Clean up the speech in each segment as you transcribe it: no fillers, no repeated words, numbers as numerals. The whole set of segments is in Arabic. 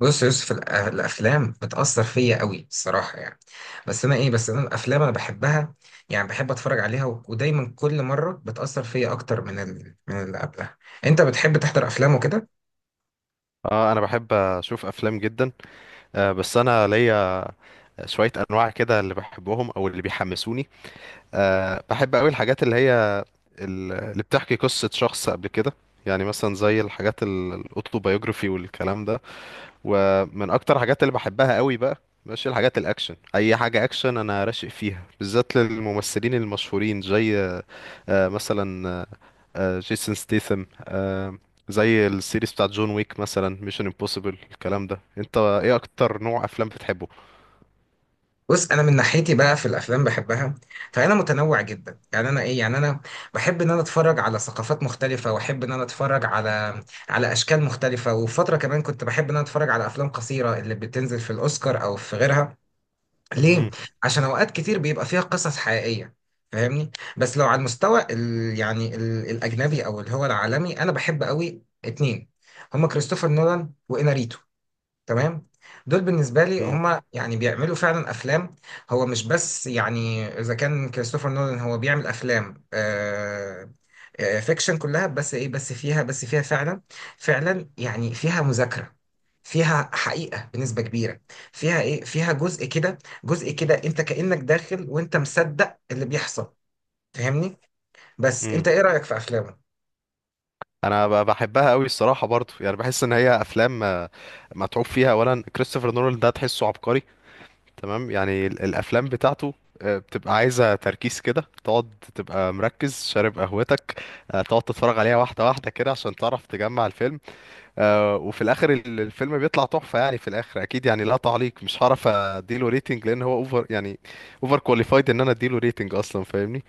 بص يا يوسف الافلام بتاثر فيا قوي الصراحه يعني. بس انا الافلام انا بحبها، يعني بحب اتفرج عليها ودايما كل مره بتاثر فيا اكتر من اللي قبلها. انت بتحب تحضر افلام وكده؟ اه، انا بحب اشوف افلام جدا. بس انا ليا شويه انواع كده اللي بحبهم او اللي بيحمسوني. بحب قوي الحاجات اللي هي اللي بتحكي قصه شخص قبل كده، يعني مثلا زي الحاجات الاوتوبيوجرافي والكلام ده، ومن اكتر الحاجات اللي بحبها قوي بقى ماشي الحاجات الاكشن. اي حاجه اكشن انا راشق فيها، بالذات للممثلين المشهورين زي مثلا جيسون ستيثم، زي السيريز بتاعت جون ويك مثلا، ميشن امبوسيبل، الكلام ده. انت ايه اكتر نوع افلام بتحبه؟ بص انا من ناحيتي بقى في الافلام بحبها، فانا متنوع جدا، يعني انا ايه يعني انا بحب ان انا اتفرج على ثقافات مختلفه، واحب ان انا اتفرج على اشكال مختلفه. وفتره كمان كنت بحب ان انا اتفرج على افلام قصيره اللي بتنزل في الاوسكار او في غيرها. ليه؟ مم. عشان اوقات كتير بيبقى فيها قصص حقيقية، فاهمني؟ بس لو على المستوى الاجنبي او اللي هو العالمي، انا بحب قوي اتنين، هما كريستوفر نولان واناريتو. تمام. دول بالنسبه لي مم. هم يعني بيعملوا فعلا افلام. هو مش بس يعني اذا كان كريستوفر نولان هو بيعمل افلام، فيكشن كلها، بس ايه بس فيها بس فيها فعلا، فعلا يعني فيها مذاكره، فيها حقيقه بنسبه كبيره، فيها جزء كده، جزء كده انت كانك داخل وانت مصدق اللي بيحصل، فاهمني. بس مم. انت ايه رايك في افلامه؟ انا بحبها قوي الصراحه، برضو يعني بحس ان هي افلام متعوب فيها. اولا كريستوفر نولان ده تحسه عبقري، تمام. يعني الافلام بتاعته بتبقى عايزه تركيز كده، تقعد تبقى مركز، شارب قهوتك، تقعد تتفرج عليها واحده واحده كده عشان تعرف تجمع الفيلم. وفي الاخر الفيلم بيطلع تحفه يعني. في الاخر اكيد يعني لا تعليق، مش هعرف اديله ريتنج لان هو اوفر يعني، اوفر كواليفايد ان انا اديله ريتنج اصلا، فاهمني؟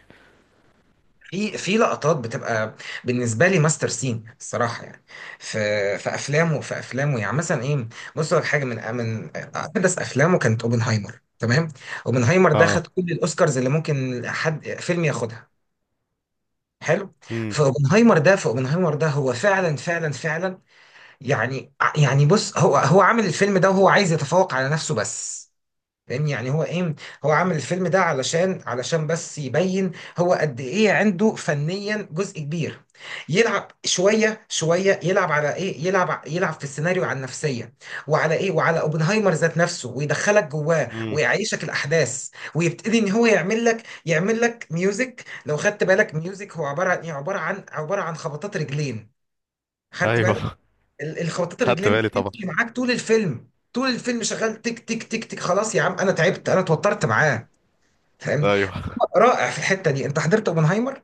في في لقطات بتبقى بالنسبه لي ماستر سين الصراحه، يعني في في افلامه يعني مثلا، بص لك حاجه، من احدث افلامه كانت اوبنهايمر. تمام. اوبنهايمر ده خد اه. كل الاوسكارز اللي ممكن حد فيلم ياخدها. حلو. امم. فاوبنهايمر ده هو فعلا فعلا، يعني بص، هو عامل الفيلم ده وهو عايز يتفوق على نفسه بس، فاهمني. هو عامل الفيلم ده علشان بس يبين هو قد ايه عنده فنيا. جزء كبير يلعب شويه، يلعب على يلعب في السيناريو على النفسيه، وعلى اوبنهايمر ذات نفسه، ويدخلك جواه، امم. ويعيشك الاحداث. ويبتدي ان هو يعمل لك ميوزك. لو خدت بالك، ميوزك هو عباره عن ايه عباره عن عباره عن خبطات رجلين. خدت بالك؟ ايوه الخبطات خدت الرجلين دي بالي طبعا. بتمشي معاك طول الفيلم، طول الفيلم شغال تك تك تك تك. خلاص يا عم انا تعبت، انا اتوترت معاه، فاهمني. ايوه، رائع في الحته دي. انت حضرت اوبنهايمر.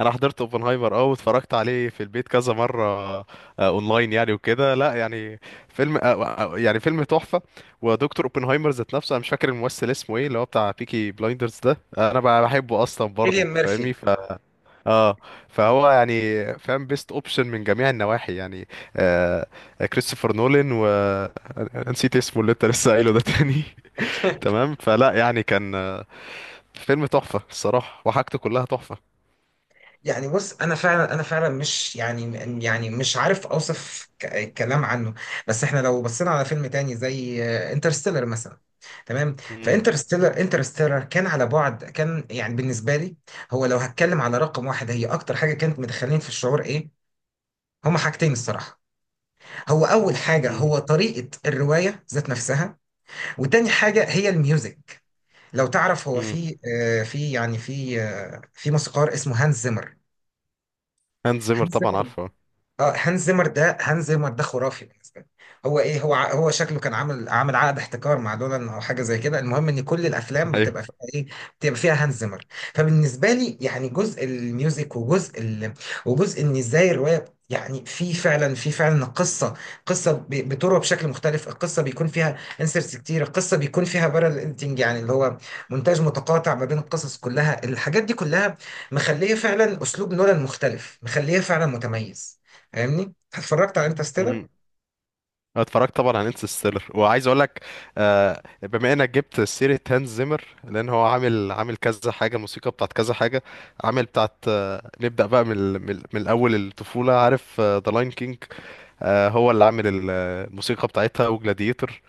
انا حضرت اوبنهايمر، اه، واتفرجت عليه في البيت كذا مره آه، اونلاين يعني وكده. لا يعني فيلم، يعني فيلم تحفه. ودكتور اوبنهايمر ذات نفسه، انا مش فاكر الممثل اسمه ايه، اللي هو بتاع بيكي بلايندرز ده، انا بقى بحبه اصلا كيليان برضه، فاهمني؟ ميرفي. اه. فهو يعني فاهم، بيست اوبشن من جميع النواحي يعني. آه كريستوفر نولان و نسيت اسمه اللي انت لسه قايله ده تاني تمام فلا، يعني كان فيلم تحفة الصراحة، وحاجته كلها تحفة. يعني بص، انا فعلا مش يعني، يعني مش عارف اوصف كلام عنه. بس احنا لو بصينا على فيلم تاني زي انترستيلر مثلا. تمام. مم. انترستيلر كان على بعد، كان يعني بالنسبه لي هو، لو هتكلم على رقم واحد هي اكتر حاجه كانت مدخلين في الشعور، هما حاجتين الصراحه. هو أول حاجة مم. هو طريقة الرواية ذات نفسها، وتاني حاجة هي الميوزك. لو تعرف، هو مم. في في في موسيقار اسمه هانز زيمر. هانز زيمر طبعا عارفه. اه، هانز زيمر ده خرافي بالنسبه لي. هو ايه هو ع- هو شكله كان عامل عقد احتكار مع دولان او حاجه زي كده. المهم ان كل الافلام بتبقى فيها ايه بتبقى فيها هانز زيمر. فبالنسبه لي يعني جزء الميوزك، وجزء ان ازاي الروايه، يعني في فعلا قصه، قصه بتروى بشكل مختلف. القصه بيكون فيها انسرتس كتير، القصه بيكون فيها بارل انتنج، يعني اللي هو مونتاج متقاطع ما بين القصص كلها. الحاجات دي كلها مخليه فعلا اسلوب نولان مختلف، مخليه فعلا متميز، فاهمني. اتفرجت على انترستيلر. ايوه، أنا اتفرجت طبعا على انترستيلر. وعايز اقول لك بما انك جبت سيره هانز زيمر، لان هو عامل كذا حاجه، موسيقى بتاعت كذا حاجه، عامل بتاعت، نبدا بقى من الاول الطفوله، عارف ذا لاين كينج، هو اللي عامل الموسيقى بتاعتها، وجلاديتور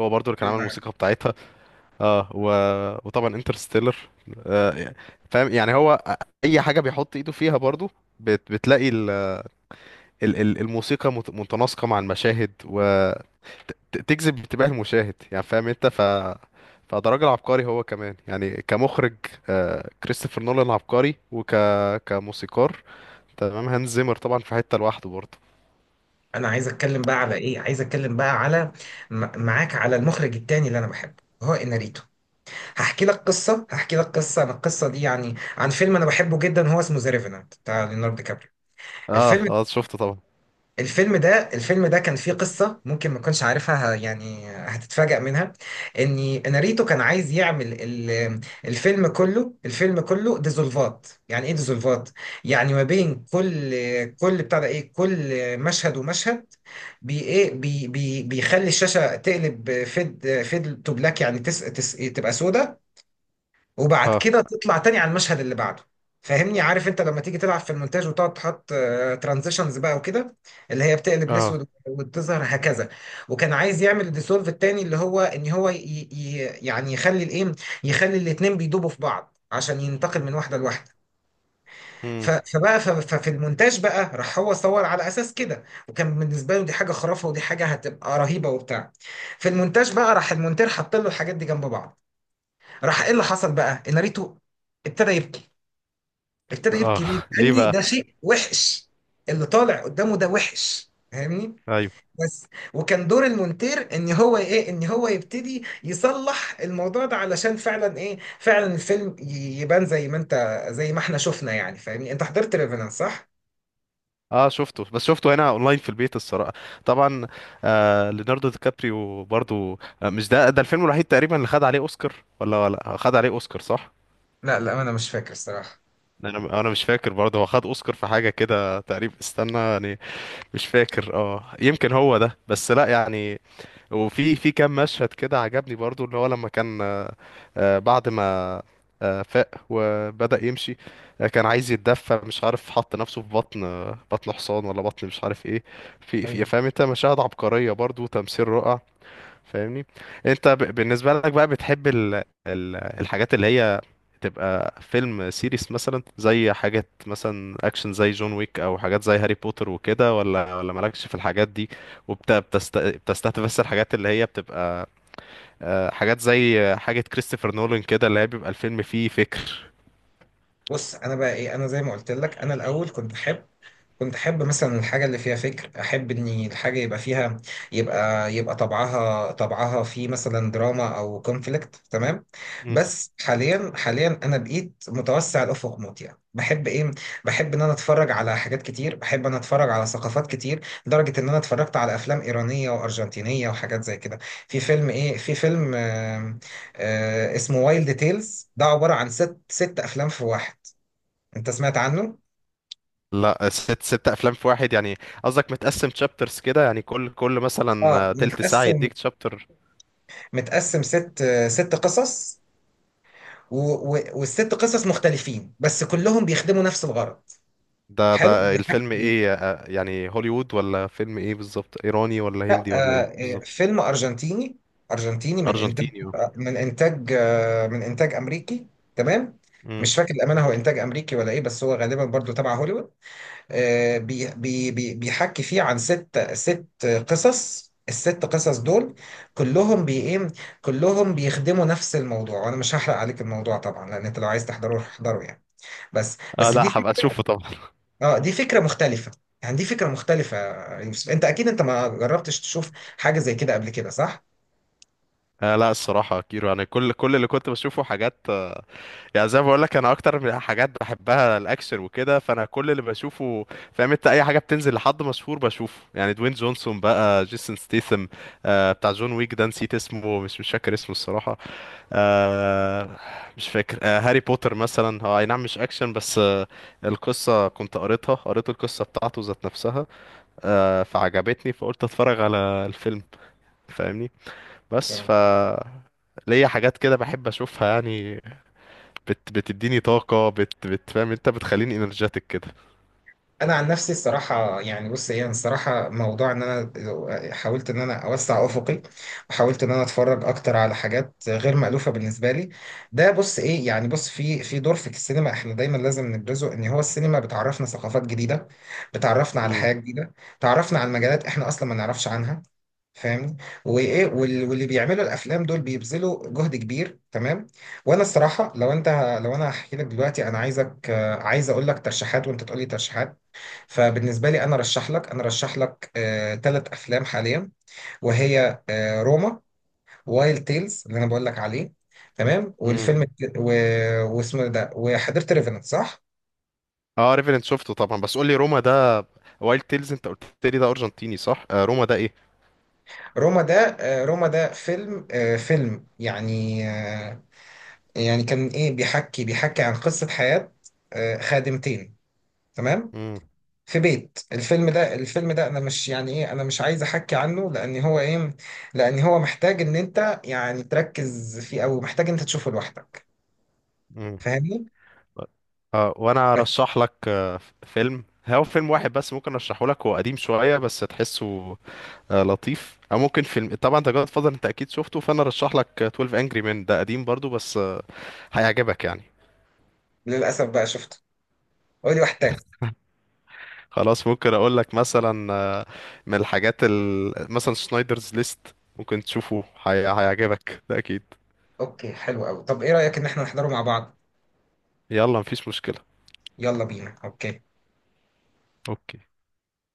هو برضو اللي كان عامل الموسيقى بتاعتها، اه، وطبعا انترستيلر. آه فاهم يعني، هو اي حاجه بيحط ايده فيها برضو بتلاقي الموسيقى متناسقة مع المشاهد وتجذب انتباه المشاهد، يعني فاهم انت؟ فده راجل عبقري هو كمان يعني، كمخرج كريستوفر نولان عبقري، كموسيقار. تمام هانز زيمر طبعا في حتة لوحده برضه. انا عايز اتكلم بقى على ايه عايز اتكلم بقى معاك على المخرج التاني اللي انا بحبه، هو اناريتو. هحكي لك قصه انا، القصه دي يعني عن فيلم انا بحبه جدا، هو اسمه ذا ريفينانت بتاع ليوناردو دي كابريو. الفيلم، اه. اه، شفته طبعا. الفيلم ده كان فيه قصة ممكن ما تكونش عارفها، يعني هتتفاجأ منها. ان ناريتو كان عايز يعمل الفيلم كله ديزولفات. يعني ايه ديزولفات؟ يعني ما بين كل مشهد ومشهد، بي ايه بي بي بيخلي الشاشة تقلب فيد، فيد تو بلاك، يعني تس تس تبقى سودة، وبعد اه. كده تطلع تاني على المشهد اللي بعده، فاهمني. عارف انت لما تيجي تلعب في المونتاج وتقعد تحط ترانزيشنز بقى وكده، اللي هي بتقلب اه. الاسود وتظهر هكذا. وكان عايز يعمل الديسولف التاني، اللي هو ان هو ي... ي... يعني يخلي يخلي الاتنين بيدوبوا في بعض عشان ينتقل من واحده لواحده. امم. ففي المونتاج بقى، راح هو صور على اساس كده، وكان بالنسبه له دي حاجه خرافه، ودي حاجه هتبقى رهيبه وبتاع. في المونتاج بقى راح المونتير حط له الحاجات دي جنب بعض، راح ايه اللي حصل بقى ان ناريتو ابتدى يبكي. ابتدى يبكي ليه؟ اه. ليه لاني بقى؟ ده شيء وحش، اللي طالع قدامه ده وحش، فاهمني. ايوه. بس. وكان دور المونتير ان هو يبتدي يصلح الموضوع ده، علشان فعلا الفيلم يبان زي ما انت، زي ما احنا شفنا يعني، فاهمني. انت حضرت ريفينانس، صح؟ اه شفته، بس شفته هنا اونلاين في البيت الصراحه. طبعا، ليوناردو دي كابريو برضو، مش ده الفيلم الوحيد تقريبا اللي خد عليه اوسكار، ولا خد عليه اوسكار، صح؟ لا لا، انا مش فاكر الصراحة. انا مش فاكر برضه، هو خد اوسكار في حاجه كده تقريبا، استنى يعني. مش فاكر، اه، يمكن هو ده. بس لا يعني، وفي كام مشهد كده عجبني برضه، اللي هو لما كان بعد ما فاق وبدأ يمشي، كان عايز يتدفى، مش عارف حط نفسه في بطن، بطن حصان ولا بطن مش عارف ايه. ايوه. فاهم انت، مشاهد عبقريه برضه وتمثيل رائع، فاهمني؟ انت بالنسبه لك بقى بتحب الحاجات اللي هي تبقى فيلم سيريس مثلا زي حاجات مثلا اكشن زي جون ويك، او حاجات زي هاري بوتر وكده، ولا مالكش في الحاجات دي، وبت... بتست... بتستهدف بس الحاجات اللي هي بتبقى حاجات زي حاجه كريستوفر نولان كده، اللي هي بيبقى الفيلم فيه فكر؟ بص انا بقى ايه، انا زي ما قلت لك، انا الاول كنت احب مثلا الحاجه اللي فيها فكر، احب ان الحاجه يبقى فيها، يبقى يبقى طبعها طبعها في مثلا دراما او كونفليكت. تمام. مم. بس حاليا انا بقيت متوسع الافق موت، يعني بحب ان انا اتفرج على حاجات كتير، بحب ان اتفرج على ثقافات كتير، لدرجه ان انا اتفرجت على افلام ايرانيه وارجنتينيه وحاجات زي كده. في فيلم آم، آه، اسمه وايلد تيلز، ده عبارة عن ست أفلام في واحد. انت سمعت عنه؟ لا، ست ست افلام في واحد يعني؟ قصدك متقسم تشابترز كده، يعني كل مثلا اه، تلت ساعه متقسم. يديك تشابتر؟ ست ست قصص، والست قصص مختلفين، بس كلهم بيخدموا نفس الغرض. ده حلو، ده الفيلم بيحكي. ايه يعني، هوليوود ولا فيلم ايه بالظبط؟ ايراني ولا لا، هندي ولا ايه بالظبط؟ فيلم ارجنتيني، ارجنتيني من انتاج، ارجنتيني، اه. من انتاج امريكي. تمام. مم. مش فاكر الامانه هو انتاج امريكي ولا ايه، بس هو غالبا برضو تبع هوليوود. بيحكي فيه عن ست قصص، الست قصص دول كلهم بي ايه كلهم بيخدموا نفس الموضوع، وانا مش هحرق عليك الموضوع طبعا، لان انت لو عايز تحضره روح احضره يعني. بس لا دي هبقى فكره. اشوفه طبعا. اه، دي فكره مختلفه، يعني دي فكره مختلفه يا يوسف. انت اكيد انت ما جربتش تشوف حاجه زي كده قبل كده، صح؟ لا الصراحه كيرو، يعني كل اللي كنت بشوفه حاجات، يعني زي ما بقول لك، انا اكتر من حاجات بحبها الاكشن وكده. فانا كل اللي بشوفه، فاهم انت، اي حاجه بتنزل لحد مشهور بشوفه، يعني دوين جونسون بقى، جيسون ستيثم، بتاع جون ويك ده نسيت اسمه، مش فاكر اسمه الصراحه. آه مش فاكر. هاري بوتر مثلا، هو اي نعم مش اكشن بس القصة كنت قريت القصة بتاعته ذات نفسها، فعجبتني فقلت اتفرج على الفيلم، فاهمني؟ بس ليا حاجات كده بحب اشوفها، يعني بتديني طاقة، بتفهم انت بتخليني، انرجيتك كده. انا عن نفسي الصراحه يعني، بص ايه، أنا الصراحه موضوع ان انا حاولت ان انا اوسع افقي، وحاولت ان انا اتفرج اكتر على حاجات غير مألوفه بالنسبه لي. ده بص ايه، يعني بص، في دور في السينما احنا دايما لازم نبرزه، ان هو السينما بتعرفنا ثقافات جديده، بتعرفنا على امم. حياه جديده، تعرفنا على مجالات احنا اصلا ما نعرفش عنها، فاهمني. واللي بيعملوا الافلام دول بيبذلوا جهد كبير. تمام. وانا الصراحه لو انت، لو انا هحكي لك دلوقتي انا عايزك عايز اقول لك ترشيحات، وانت تقول لي ترشيحات. فبالنسبة لي أنا رشح لك آه تلات أفلام حاليا، وهي آه روما، وايلد تيلز اللي أنا بقول لك عليه، تمام، امم. واسمه ده. وحضرت ريفنت، صح؟ اه، ريفرنت شفته طبعا. بس قول لي روما ده، وايلد تيلز انت قلت لي ده ارجنتيني، صح؟ روما ده ايه؟ روما ده، آه روما ده فيلم، آه فيلم يعني آه يعني كان إيه بيحكي، بيحكي عن قصة حياة آه خادمتين. تمام. امم. في بيت. الفيلم ده، انا مش عايز احكي عنه، لان هو ايه لان هو محتاج ان انت يعني تركز فيه، او محتاج انت تشوفه لوحدك، امم. فاهمني. اه، وانا بس. ارشح لك فيلم، هو فيلم واحد بس ممكن ارشحه لك، هو قديم شويه بس تحسه لطيف. او ممكن فيلم، طبعا انت جاد فاذر انت اكيد شفته. فانا ارشح لك 12 انجري مان، ده قديم برضو بس هيعجبك يعني. للاسف بقى شفته، قولي واحد تاني. خلاص، ممكن اقول لك مثلا من الحاجات مثلا سنايدرز ليست، ممكن تشوفه، هيعجبك ده اكيد. اوكي، حلو قوي. طب ايه رايك ان احنا نحضره مع بعض؟ يلا، مفيش مشكله. يلا بينا، اوكي. اوكي.